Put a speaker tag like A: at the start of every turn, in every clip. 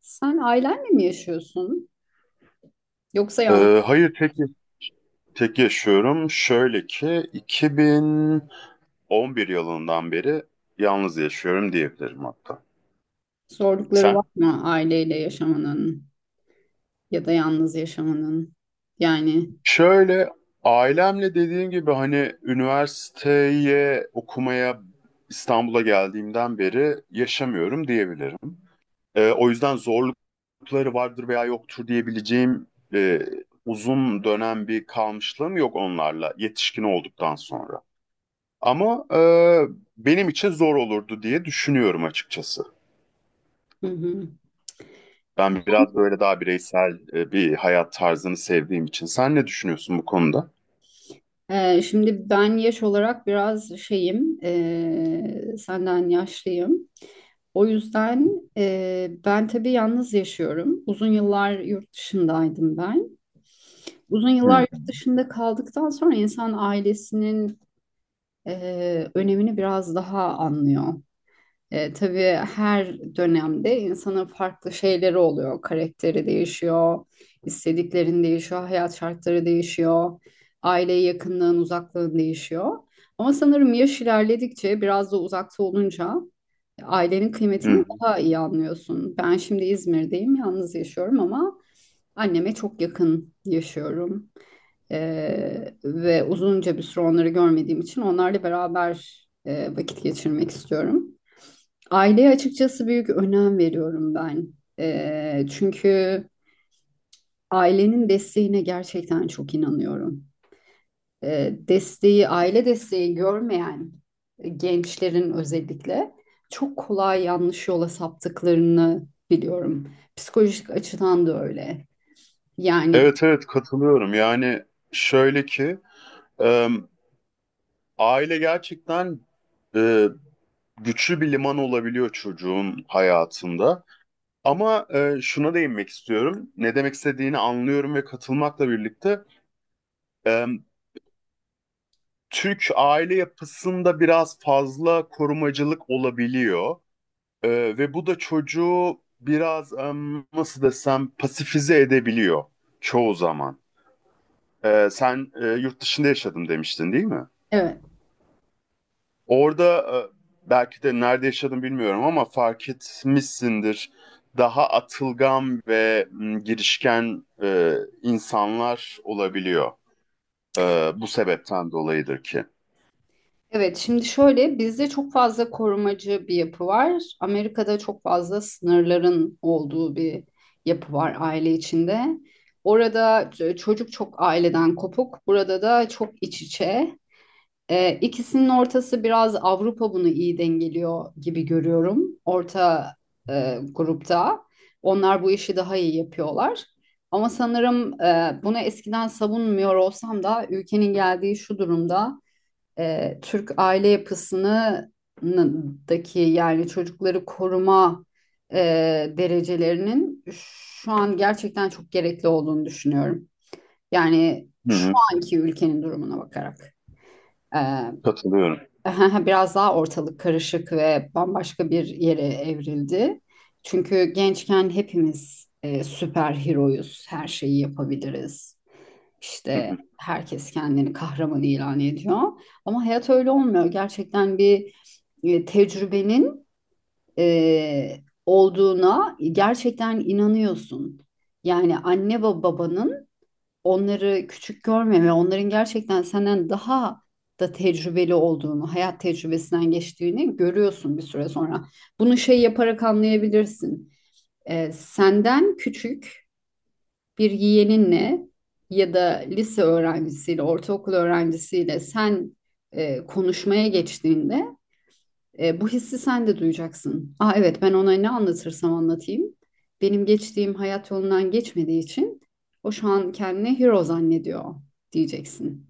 A: Sen ailenle mi yaşıyorsun? Yoksa yalnız
B: Hayır, tek yaşıyorum. Şöyle ki 2011 yılından beri yalnız yaşıyorum diyebilirim hatta.
A: zorlukları var
B: Sen?
A: mı aileyle yaşamanın ya da yalnız yaşamanın? Yani
B: Şöyle, ailemle dediğim gibi hani üniversiteye okumaya İstanbul'a geldiğimden beri yaşamıyorum diyebilirim. O yüzden zorlukları vardır veya yoktur diyebileceğim, e, uzun dönem bir kalmışlığım yok onlarla yetişkin olduktan sonra. Ama benim için zor olurdu diye düşünüyorum açıkçası.
A: hı hı.
B: Ben biraz böyle daha bireysel bir hayat tarzını sevdiğim için. Sen ne düşünüyorsun bu konuda?
A: Şimdi ben yaş olarak biraz şeyim, senden yaşlıyım. O yüzden ben tabii yalnız yaşıyorum. Uzun yıllar yurt dışındaydım ben. Uzun
B: Hı
A: yıllar
B: hı.
A: yurt dışında kaldıktan sonra insan ailesinin önemini biraz daha anlıyor. E, tabii her dönemde insanın farklı şeyleri oluyor. Karakteri değişiyor, istediklerin değişiyor, hayat şartları değişiyor, aile yakınlığın, uzaklığın değişiyor. Ama sanırım yaş ilerledikçe biraz da uzakta olunca ailenin
B: Hı
A: kıymetini
B: hı.
A: daha iyi anlıyorsun. Ben şimdi İzmir'deyim, yalnız yaşıyorum ama anneme çok yakın yaşıyorum. E, ve uzunca bir süre onları görmediğim için onlarla beraber vakit geçirmek istiyorum. Aileye açıkçası büyük önem veriyorum ben. Çünkü ailenin desteğine gerçekten çok inanıyorum. Desteği, aile desteği görmeyen gençlerin özellikle çok kolay yanlış yola saptıklarını biliyorum. Psikolojik açıdan da öyle. Yani
B: Evet evet, katılıyorum. Yani şöyle ki, e, aile gerçekten e, güçlü bir liman olabiliyor çocuğun hayatında. Ama şuna değinmek istiyorum. Ne demek istediğini anlıyorum ve katılmakla birlikte Türk aile yapısında biraz fazla korumacılık olabiliyor. Ee, Ve bu da çocuğu biraz nasıl desem pasifize edebiliyor çoğu zaman. Sen yurt dışında yaşadım demiştin değil mi?
A: evet.
B: Orada belki de nerede yaşadım bilmiyorum ama fark etmişsindir. Daha atılgan ve girişken insanlar olabiliyor. Bu sebepten dolayıdır ki.
A: Evet, şimdi şöyle bizde çok fazla korumacı bir yapı var. Amerika'da çok fazla sınırların olduğu bir yapı var aile içinde. Orada çocuk çok aileden kopuk, burada da çok iç içe. İkisinin ortası biraz Avrupa bunu iyi dengeliyor gibi görüyorum. Orta grupta onlar bu işi daha iyi yapıyorlar. Ama sanırım bunu eskiden savunmuyor olsam da ülkenin geldiği şu durumda Türk aile yapısındaki yani çocukları koruma e, derecelerinin şu an gerçekten çok gerekli olduğunu düşünüyorum. Yani
B: Hı
A: şu
B: hı,
A: anki ülkenin durumuna bakarak. E,
B: katılıyorum.
A: biraz daha ortalık karışık ve bambaşka bir yere evrildi. Çünkü gençken hepimiz süper heroyuz, her şeyi yapabiliriz. İşte herkes kendini kahraman ilan ediyor. Ama hayat öyle olmuyor. Gerçekten bir tecrübenin e, olduğuna gerçekten inanıyorsun. Yani anne ve babanın onları küçük görmeme, onların gerçekten senden daha da tecrübeli olduğunu, hayat tecrübesinden geçtiğini görüyorsun bir süre sonra. Bunu şey yaparak anlayabilirsin. E, senden küçük bir yeğeninle ya da lise öğrencisiyle, ortaokul öğrencisiyle sen konuşmaya geçtiğinde bu hissi sen de duyacaksın. Aa evet ben ona ne anlatırsam anlatayım. Benim geçtiğim hayat yolundan geçmediği için o şu an kendini hero zannediyor diyeceksin.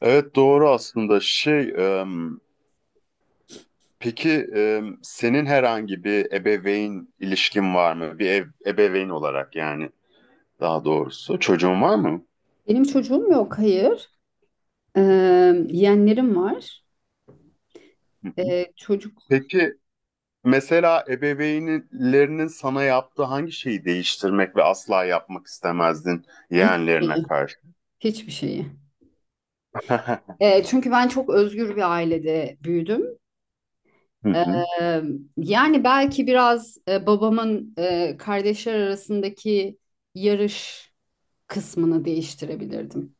B: Evet, doğru aslında. Em, peki, senin herhangi bir ebeveyn ilişkin var mı? Bir ev, ebeveyn olarak yani daha doğrusu. Çocuğun var mı?
A: Benim çocuğum yok, hayır. Ee, Yeğenlerim var.
B: Hı hı.
A: Çocuk
B: Peki mesela ebeveynlerinin sana yaptığı hangi şeyi değiştirmek ve asla yapmak istemezdin
A: hiçbir
B: yeğenlerine
A: şeyi,
B: karşı?
A: hiçbir şeyi. Çünkü ben çok özgür bir ailede büyüdüm.
B: Hı hı,
A: Eee, Yani belki biraz babamın kardeşler arasındaki yarış kısmını değiştirebilirdim.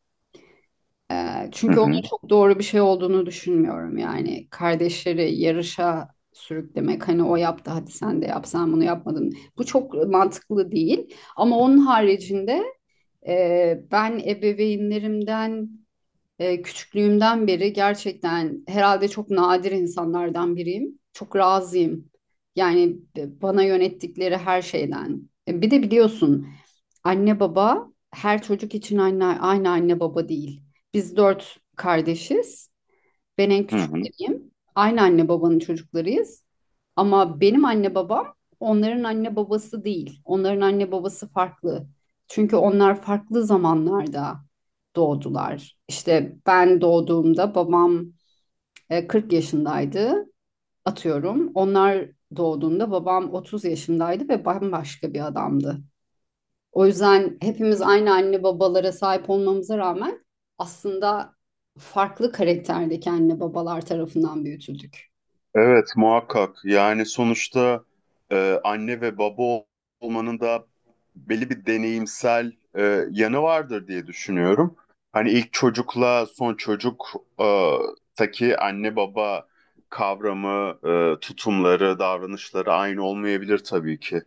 A: E,
B: hı
A: çünkü
B: hı,
A: onun çok doğru bir şey olduğunu düşünmüyorum. Yani kardeşleri yarışa sürüklemek hani o yaptı hadi sen de yap sen bunu yapmadın. Bu çok mantıklı değil. Ama onun haricinde ben ebeveynlerimden küçüklüğümden beri gerçekten herhalde çok nadir insanlardan biriyim. Çok razıyım. Yani bana yönettikleri her şeyden. E, bir de biliyorsun anne baba her çocuk için anne, aynı anne baba değil. Biz dört kardeşiz. Ben en
B: hı hı.
A: küçükleriyim. Aynı anne babanın çocuklarıyız. Ama benim anne babam onların anne babası değil. Onların anne babası farklı. Çünkü onlar farklı zamanlarda doğdular. İşte ben doğduğumda babam 40 yaşındaydı atıyorum. Onlar doğduğunda babam 30 yaşındaydı ve bambaşka bir adamdı. O yüzden hepimiz aynı anne babalara sahip olmamıza rağmen aslında farklı karakterdeki anne babalar tarafından büyütüldük.
B: Evet, muhakkak. Yani sonuçta anne ve baba ol- olmanın da belli bir deneyimsel yanı vardır diye düşünüyorum. Hani ilk çocukla son çocuk e, taki anne baba kavramı, tutumları, davranışları aynı olmayabilir tabii ki.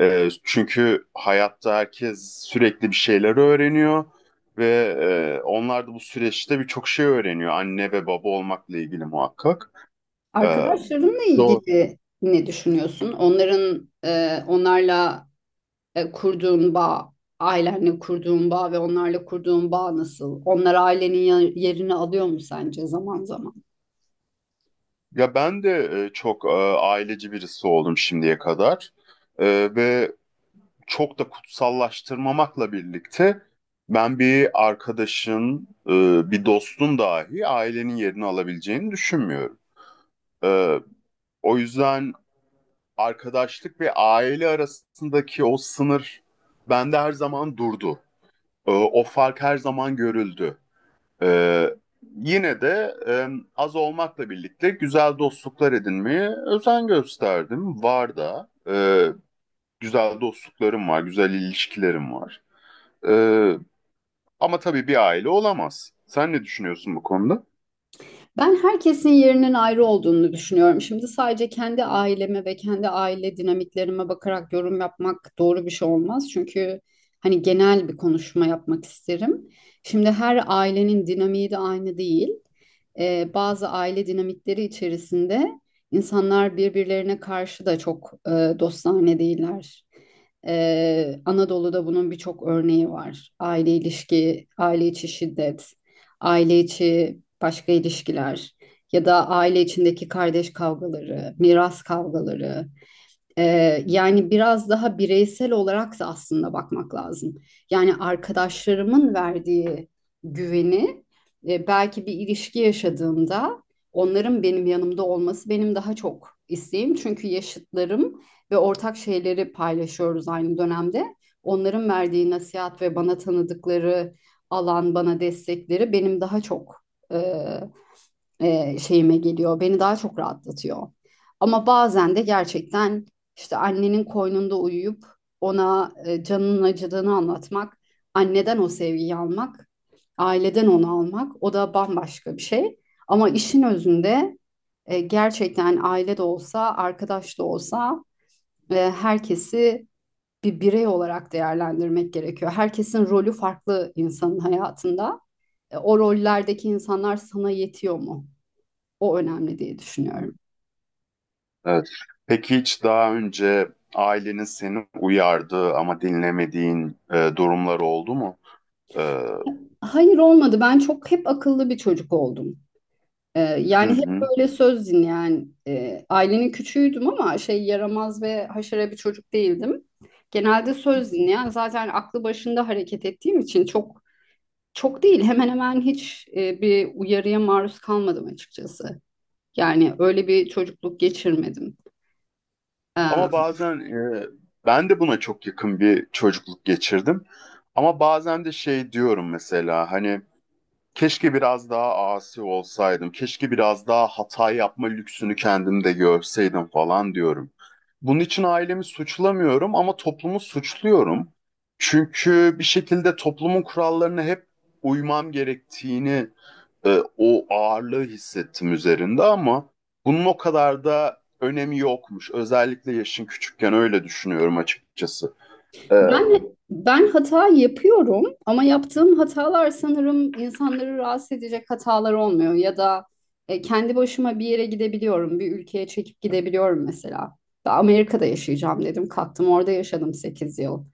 B: Çünkü hayatta herkes sürekli bir şeyler öğreniyor ve onlar da bu süreçte birçok şey öğreniyor anne ve baba olmakla ilgili muhakkak. E,
A: Arkadaşlarınla
B: Doğru.
A: ilgili ne düşünüyorsun? Onların onlarla kurduğun bağ, ailenle kurduğun bağ ve onlarla kurduğun bağ nasıl? Onlar ailenin yerini alıyor mu sence zaman zaman?
B: Ya ben de çok aileci birisi oldum şimdiye kadar. Ve çok da kutsallaştırmamakla birlikte ben bir arkadaşın, bir dostun dahi ailenin yerini alabileceğini düşünmüyorum. E, O yüzden arkadaşlık ve aile arasındaki o sınır bende her zaman durdu. O fark her zaman görüldü. Ee, Yine de az olmakla birlikte güzel dostluklar edinmeye özen gösterdim. Var da, güzel dostluklarım var, güzel ilişkilerim var. Ee, Ama tabii bir aile olamaz. Sen ne düşünüyorsun bu konuda?
A: Ben herkesin yerinin ayrı olduğunu düşünüyorum. Şimdi sadece kendi aileme ve kendi aile dinamiklerime bakarak yorum yapmak doğru bir şey olmaz. Çünkü hani genel bir konuşma yapmak isterim. Şimdi her ailenin dinamiği de aynı değil. Bazı aile dinamikleri içerisinde insanlar birbirlerine karşı da çok dostane değiller. Anadolu'da bunun birçok örneği var. Aile ilişki, aile içi şiddet aile içi başka ilişkiler ya da aile içindeki kardeş kavgaları, miras kavgaları yani biraz daha bireysel olarak da aslında bakmak lazım. Yani arkadaşlarımın verdiği güveni belki bir ilişki yaşadığımda onların benim yanımda olması benim daha çok isteğim. Çünkü yaşıtlarım ve ortak şeyleri paylaşıyoruz aynı dönemde. Onların verdiği nasihat ve bana tanıdıkları alan, bana destekleri benim daha çok e, şeyime geliyor. Beni daha çok rahatlatıyor. Ama bazen de gerçekten işte annenin koynunda uyuyup ona canının acıdığını anlatmak, anneden o sevgiyi almak, aileden onu almak o da bambaşka bir şey. Ama işin özünde gerçekten aile de olsa, arkadaş da olsa herkesi bir birey olarak değerlendirmek gerekiyor. Herkesin rolü farklı insanın hayatında. E, o rollerdeki insanlar sana yetiyor mu? O önemli diye düşünüyorum.
B: Evet. Peki hiç daha önce ailenin seni uyardığı ama dinlemediğin durumlar oldu mu? Ee,
A: Hayır olmadı. Ben çok hep akıllı bir çocuk oldum. Yani hep
B: hı
A: böyle söz dinleyen ailenin küçüğüydüm ama şey yaramaz ve haşere bir çocuk değildim. Genelde
B: hı.
A: söz dinleyen zaten aklı başında hareket ettiğim için çok değil hemen hemen hiç bir uyarıya maruz kalmadım açıkçası. Yani öyle bir çocukluk geçirmedim. Ee,
B: Ama bazen ben de buna çok yakın bir çocukluk geçirdim. Ama bazen de şey diyorum mesela, hani keşke biraz daha asi olsaydım, keşke biraz daha hata yapma lüksünü kendimde görseydim falan diyorum. Bunun için ailemi suçlamıyorum ama toplumu suçluyorum. Çünkü bir şekilde toplumun kurallarına hep uymam gerektiğini, o ağırlığı hissettim üzerinde, ama bunun o kadar da önemi yokmuş. Özellikle yaşın küçükken öyle düşünüyorum açıkçası. E, hı
A: Ben ben hata yapıyorum ama yaptığım hatalar sanırım insanları rahatsız edecek hatalar olmuyor ya da kendi başıma bir yere gidebiliyorum, bir ülkeye çekip gidebiliyorum mesela. Ben Amerika'da yaşayacağım dedim, kalktım orada yaşadım 8 yıl.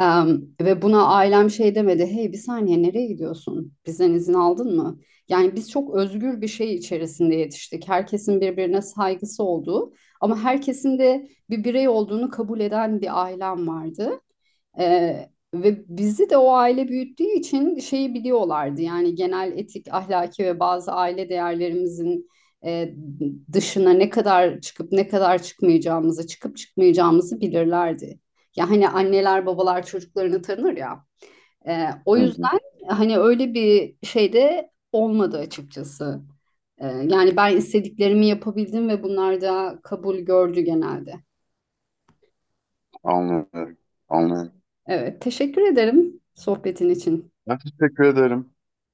A: Ve buna ailem şey demedi, hey bir saniye nereye gidiyorsun? Bizden izin aldın mı? Yani biz çok özgür bir şey içerisinde yetiştik. Herkesin birbirine saygısı olduğu ama herkesin de bir birey olduğunu kabul eden bir ailem vardı. Ve bizi de o aile büyüttüğü için şeyi biliyorlardı. Yani genel etik, ahlaki ve bazı aile değerlerimizin e, dışına ne kadar çıkıp ne kadar çıkmayacağımızı, çıkıp çıkmayacağımızı bilirlerdi. Ya hani anneler babalar çocuklarını tanır ya. O
B: hı,
A: yüzden hani öyle bir şey de olmadı açıkçası. Yani ben istediklerimi yapabildim ve bunlar da kabul gördü genelde.
B: anlıyorum, anlıyorum.
A: Evet, teşekkür ederim sohbetin için.
B: Ben teşekkür ederim.